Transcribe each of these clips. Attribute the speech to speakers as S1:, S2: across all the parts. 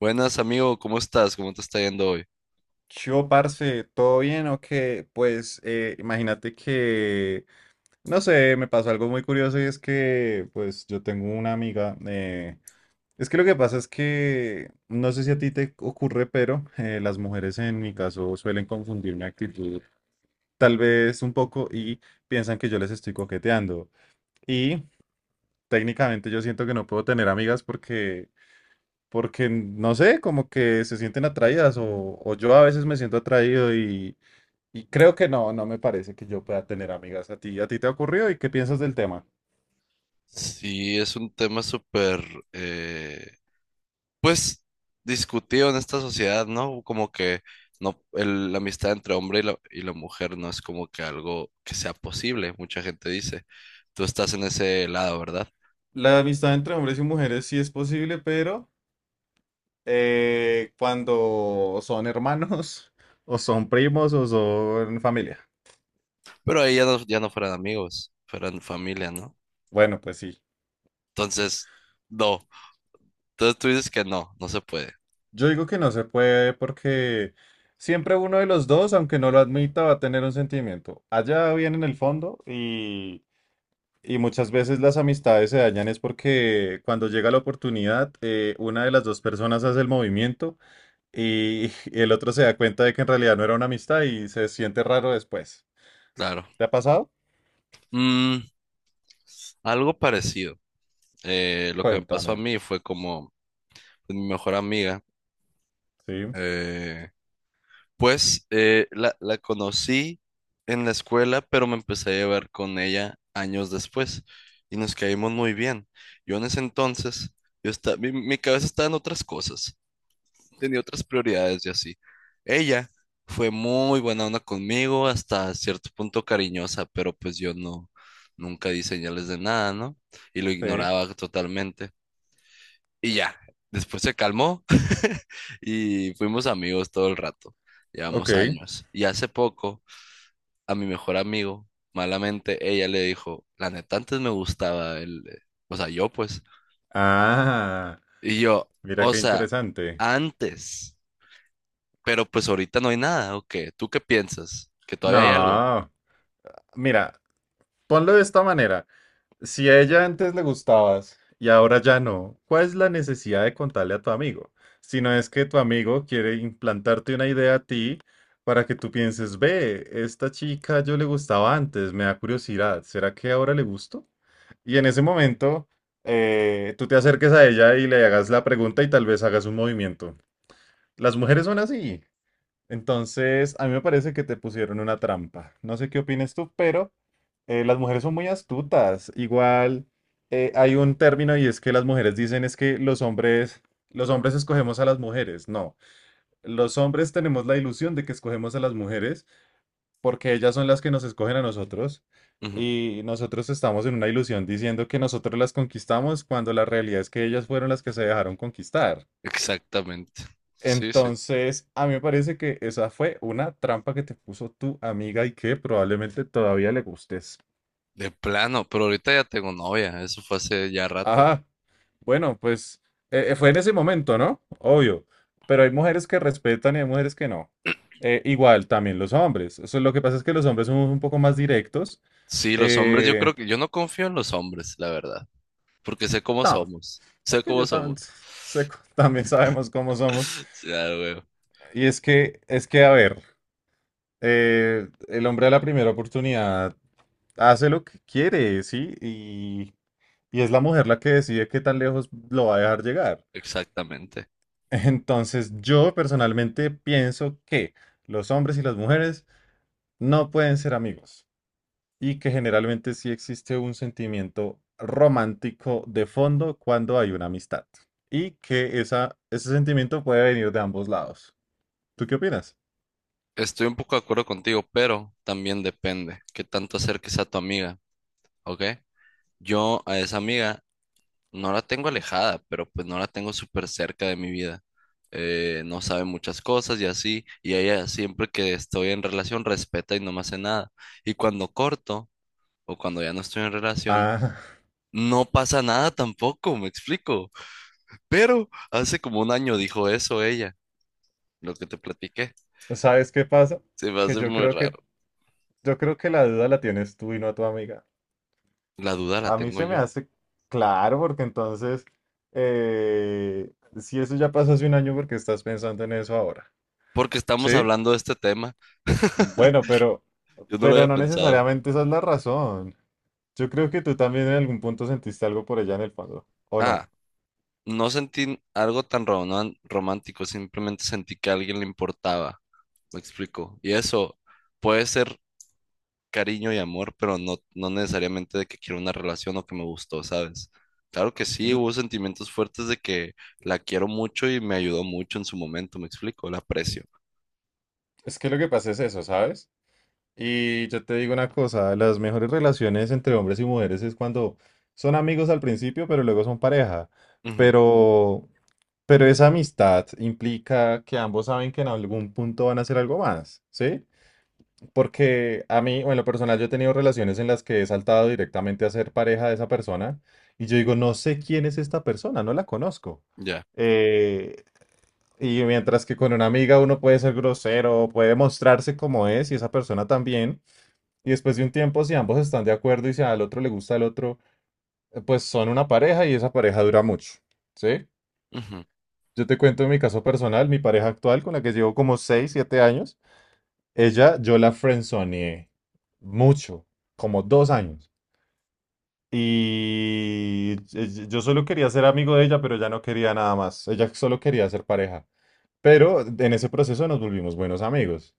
S1: Buenas, amigo, ¿cómo estás? ¿Cómo te está yendo hoy?
S2: Yo, parce, ¿todo bien o qué? Pues imagínate que, no sé, me pasó algo muy curioso y es que, pues yo tengo una amiga, es que lo que pasa es que, no sé si a ti te ocurre, pero las mujeres en mi caso suelen confundir mi actitud tal vez un poco y piensan que yo les estoy coqueteando. Y técnicamente yo siento que no puedo tener amigas porque... Porque, no sé, como que se sienten atraídas o yo a veces me siento atraído y creo que no, no me parece que yo pueda tener amigas a ti. ¿A ti te ha ocurrido y qué piensas del tema?
S1: Sí, es un tema súper, eh, pues, discutido en esta sociedad, ¿no? Como que no, la amistad entre hombre y la mujer no es como que algo que sea posible, mucha gente dice. Tú estás en ese lado, ¿verdad?
S2: La amistad entre hombres y mujeres sí es posible, pero cuando son hermanos o son primos o son familia.
S1: Pero ahí ya no, ya no fueran amigos, fueran familia, ¿no?
S2: Bueno, pues sí.
S1: Entonces, no. Entonces tú dices que no, no se puede,
S2: Yo digo que no se puede porque siempre uno de los dos, aunque no lo admita, va a tener un sentimiento. Allá bien en el fondo y muchas veces las amistades se dañan es porque cuando llega la oportunidad, una de las dos personas hace el movimiento y el otro se da cuenta de que en realidad no era una amistad y se siente raro después.
S1: claro.
S2: ¿Te ha pasado?
S1: Mm, algo parecido. Lo que me pasó a
S2: Cuéntame.
S1: mí fue como pues, mi mejor amiga.
S2: Sí,
S1: Eh, pues la conocí en la escuela, pero me empecé a llevar con ella años después y nos caímos muy bien. Yo en ese entonces, mi cabeza estaba en otras cosas, tenía otras prioridades y así. Ella fue muy buena onda conmigo, hasta cierto punto cariñosa, pero pues yo no, nunca di señales de nada, ¿no? Y lo
S2: sí.
S1: ignoraba totalmente. Y ya, después se calmó y fuimos amigos todo el rato. Llevamos
S2: Ok.
S1: años. Y hace poco, a mi mejor amigo, malamente, ella le dijo, la neta, antes me gustaba él, o sea, yo pues.
S2: Ah,
S1: Y yo,
S2: mira
S1: o
S2: qué
S1: sea,
S2: interesante.
S1: antes, pero pues ahorita no hay nada, ¿o qué? ¿Tú qué piensas? ¿Que todavía hay algo?
S2: No, mira, ponlo de esta manera. Si a ella antes le gustabas y ahora ya no, ¿cuál es la necesidad de contarle a tu amigo? Si no es que tu amigo quiere implantarte una idea a ti para que tú pienses, ve, esta chica yo le gustaba antes, me da curiosidad, ¿será que ahora le gusto? Y en ese momento, tú te acerques a ella y le hagas la pregunta y tal vez hagas un movimiento. Las mujeres son así. Entonces, a mí me parece que te pusieron una trampa. No sé qué opines tú, pero las mujeres son muy astutas. Igual, hay un término y es que las mujeres dicen es que los hombres escogemos a las mujeres. No, los hombres tenemos la ilusión de que escogemos a las mujeres porque ellas son las que nos escogen a nosotros
S1: Ujú.
S2: y nosotros estamos en una ilusión diciendo que nosotros las conquistamos cuando la realidad es que ellas fueron las que se dejaron conquistar.
S1: Exactamente. Sí, sí.
S2: Entonces, a mí me parece que esa fue una trampa que te puso tu amiga y que probablemente todavía le gustes.
S1: De plano, pero ahorita ya tengo novia, eso fue hace ya rato.
S2: Ajá, bueno, pues fue en ese momento, ¿no? Obvio, pero hay mujeres que respetan y hay mujeres que no. Igual, también los hombres. Eso, lo que pasa es que los hombres somos un poco más directos.
S1: Sí, los hombres, yo
S2: Eh,
S1: creo que yo no confío en los hombres, la verdad. Porque sé cómo
S2: no,
S1: somos, sé
S2: porque
S1: cómo
S2: yo también
S1: somos.
S2: sé, también sabemos cómo somos.
S1: Ya, güey,
S2: Y es que, a ver, el hombre a la primera oportunidad hace lo que quiere, ¿sí? Y es la mujer la que decide qué tan lejos lo va a dejar llegar.
S1: exactamente.
S2: Entonces, yo personalmente pienso que los hombres y las mujeres no pueden ser amigos y que generalmente sí existe un sentimiento romántico de fondo cuando hay una amistad y que esa, ese sentimiento puede venir de ambos lados. ¿Tú qué opinas?
S1: Estoy un poco de acuerdo contigo, pero también depende qué tanto acerques a tu amiga, ¿ok? Yo a esa amiga no la tengo alejada, pero pues no la tengo súper cerca de mi vida. No sabe muchas cosas y así, y ella siempre que estoy en relación respeta y no me hace nada. Y cuando corto o cuando ya no estoy en relación,
S2: Ah,
S1: no pasa nada tampoco, me explico. Pero hace como un año dijo eso ella, lo que te platiqué.
S2: ¿sabes qué pasa?
S1: Se me
S2: Que
S1: hace
S2: yo
S1: muy
S2: creo que
S1: raro.
S2: la duda la tienes tú y no tu amiga.
S1: La duda la
S2: A mí
S1: tengo
S2: se me
S1: yo.
S2: hace claro porque entonces eh, si eso ya pasó hace un año, ¿porque estás pensando en eso ahora?
S1: Porque estamos
S2: ¿Sí?
S1: hablando de este tema.
S2: Bueno, pero
S1: Yo no lo había
S2: no
S1: pensado.
S2: necesariamente esa es la razón. Yo creo que tú también en algún punto sentiste algo por ella en el fondo, ¿o no?
S1: Ah, no sentí algo tan romántico. Simplemente sentí que a alguien le importaba. Me explico. Y eso puede ser cariño y amor, pero no, no necesariamente de que quiero una relación o que me gustó, ¿sabes? Claro que sí,
S2: Yo-
S1: hubo sentimientos fuertes de que la quiero mucho y me ayudó mucho en su momento, me explico, la aprecio.
S2: Es que lo que pasa es eso, ¿sabes? Y yo te digo una cosa, las mejores relaciones entre hombres y mujeres es cuando son amigos al principio, pero luego son pareja.
S1: Ujú,
S2: Pero, pero esa amistad implica que ambos saben que en algún punto van a hacer algo más, ¿sí? Porque a mí, o en lo personal, yo he tenido relaciones en las que he saltado directamente a ser pareja de esa persona y yo digo, no sé quién es esta persona, no la conozco.
S1: ya.
S2: Eh, y mientras que con una amiga uno puede ser grosero, puede mostrarse como es y esa persona también. Y después de un tiempo, si ambos están de acuerdo y si al otro le gusta el otro, pues son una pareja y esa pareja dura mucho, ¿sí?
S1: Ujú,
S2: Yo te cuento mi caso personal, mi pareja actual con la que llevo como 6 7 años, ella yo la friendzoneé mucho, como dos años. Y yo solo quería ser amigo de ella, pero ya no quería nada más. Ella solo quería ser pareja. Pero en ese proceso nos volvimos buenos amigos.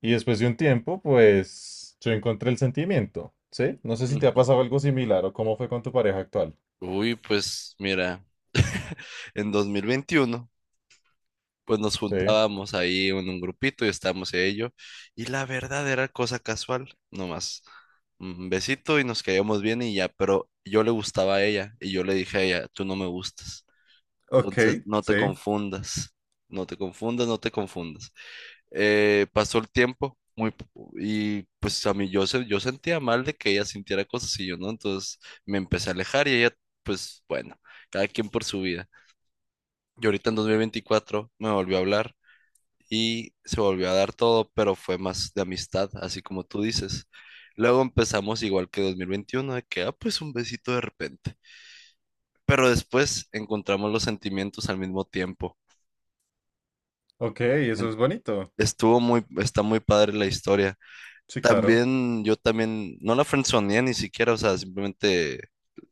S2: Y después de un tiempo, pues yo encontré el sentimiento, ¿sí? No sé si te ha
S1: ujú.
S2: pasado algo similar o cómo fue con tu pareja actual,
S1: Uy, pues mira, en 2021, pues nos
S2: ¿sí?
S1: juntábamos ahí en un grupito y estábamos en ello. Y la verdad era cosa casual, nomás. Un besito y nos caíamos bien y ya, pero yo le gustaba a ella y yo le dije a ella, tú no me gustas.
S2: Ok,
S1: Entonces no te
S2: sí.
S1: confundas, no te confundas, no te confundas. Pasó el tiempo. Y pues a mí yo sentía mal de que ella sintiera cosas y yo no, entonces me empecé a alejar y ella, pues bueno, cada quien por su vida. Y ahorita en 2024 me volvió a hablar y se volvió a dar todo, pero fue más de amistad, así como tú dices. Luego empezamos igual que 2021, de que, ah, pues un besito de repente. Pero después encontramos los sentimientos al mismo tiempo.
S2: Ok, eso
S1: En-
S2: es bonito.
S1: Estuvo está muy padre la historia.
S2: Sí, claro.
S1: También, yo también, no la friendzoneé ni siquiera, o sea, simplemente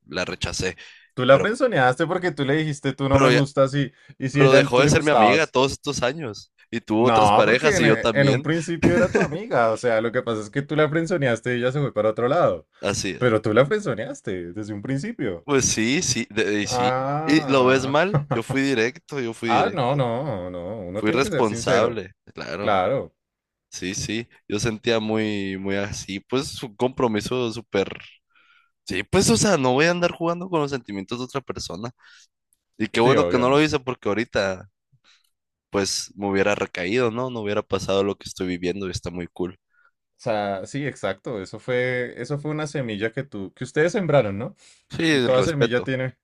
S1: la rechacé.
S2: Tú la
S1: Pero,
S2: frenzoneaste porque tú le dijiste tú no me
S1: pero ya,
S2: gustas y si
S1: pero
S2: ella
S1: dejó
S2: tú
S1: de
S2: le
S1: ser mi amiga
S2: gustabas.
S1: todos estos años. Y tuvo otras
S2: No, porque
S1: parejas
S2: en,
S1: y yo
S2: e- en un
S1: también.
S2: principio era tu amiga. O sea, lo que pasa es que tú la frenzoneaste y ella se fue para otro lado.
S1: Así es.
S2: Pero tú la frenzoneaste desde un principio.
S1: Pues sí, sí, y sí. ¿Y lo ves
S2: Ah.
S1: mal? Yo fui directo, yo fui
S2: Ah,
S1: directo.
S2: no. Uno
S1: Fui
S2: tiene que ser sincero.
S1: responsable, claro.
S2: Claro.
S1: Sí, sí. Yo sentía muy así, pues un compromiso súper. Sí, pues, o sea, no voy a andar jugando con los sentimientos de otra persona. Y qué
S2: Sí,
S1: bueno que
S2: obvio,
S1: no
S2: no.
S1: lo
S2: O
S1: hice porque ahorita, pues, me hubiera recaído, ¿no? No hubiera pasado lo que estoy viviendo y está muy cool.
S2: sea, sí, exacto. Eso fue una semilla que tú, que ustedes sembraron, ¿no?
S1: Sí,
S2: Y
S1: el respeto.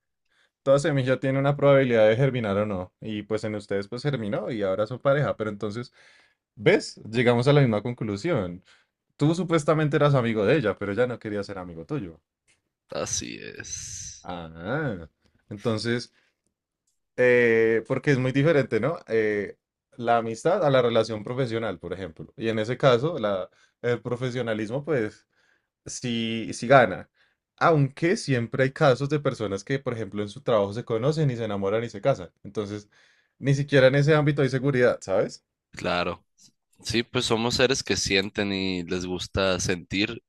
S2: toda semilla tiene una probabilidad de germinar o no. Y pues en ustedes pues germinó y ahora son pareja. Pero entonces, ¿ves? Llegamos a la misma conclusión. Tú supuestamente eras amigo de ella, pero ella no quería ser amigo tuyo.
S1: Así es.
S2: Ah, entonces, porque es muy diferente, ¿no? La amistad a la relación profesional, por ejemplo. Y en ese caso, la, el profesionalismo, pues si, si gana. Aunque siempre hay casos de personas que, por ejemplo, en su trabajo se conocen y se enamoran y se casan. Entonces, ni siquiera en ese ámbito hay seguridad, ¿sabes?
S1: Claro. Sí, pues somos seres que sienten y les gusta sentir.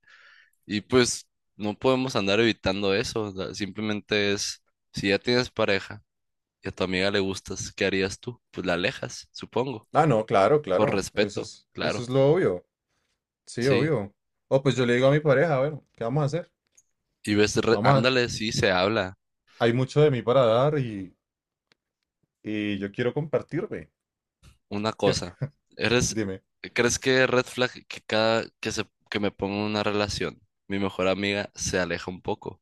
S1: Y pues no podemos andar evitando eso, o sea, simplemente es, si ya tienes pareja y a tu amiga le gustas, ¿qué harías tú? Pues la alejas, supongo,
S2: Ah, no, claro,
S1: por
S2: claro. Eso
S1: respeto,
S2: es, eso
S1: claro,
S2: es lo obvio. Sí,
S1: sí.
S2: obvio. O pues yo le digo a mi pareja, bueno, ¿qué vamos a hacer?
S1: Y ves,
S2: Vamos a...
S1: ándale, sí se habla
S2: Hay mucho de mí para dar y yo quiero compartirme.
S1: una
S2: ¿Qué?
S1: cosa. ¿Eres,
S2: Dime.
S1: ¿crees que red flag que cada que me pongo en una relación, mi mejor amiga se aleja un poco?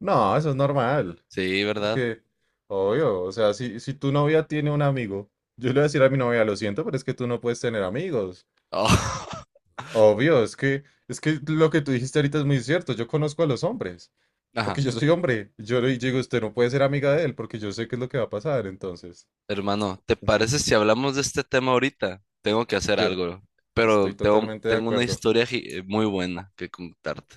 S2: No, eso es normal.
S1: Sí, ¿verdad?
S2: Porque, obvio, o sea, si, si tu novia tiene un amigo, yo le voy a decir a mi novia, lo siento, pero es que tú no puedes tener amigos.
S1: Oh.
S2: Obvio, es que lo que tú dijiste ahorita es muy cierto. Yo conozco a los hombres,
S1: Ajá.
S2: porque yo soy hombre. Yo le digo, usted no puede ser amiga de él, porque yo sé qué es lo que va a pasar. Entonces,
S1: Hermano, ¿te
S2: entonces,
S1: parece si hablamos de este tema ahorita? Tengo que hacer
S2: yo
S1: algo,
S2: estoy
S1: pero tengo,
S2: totalmente de
S1: tengo una
S2: acuerdo.
S1: historia muy buena que contarte.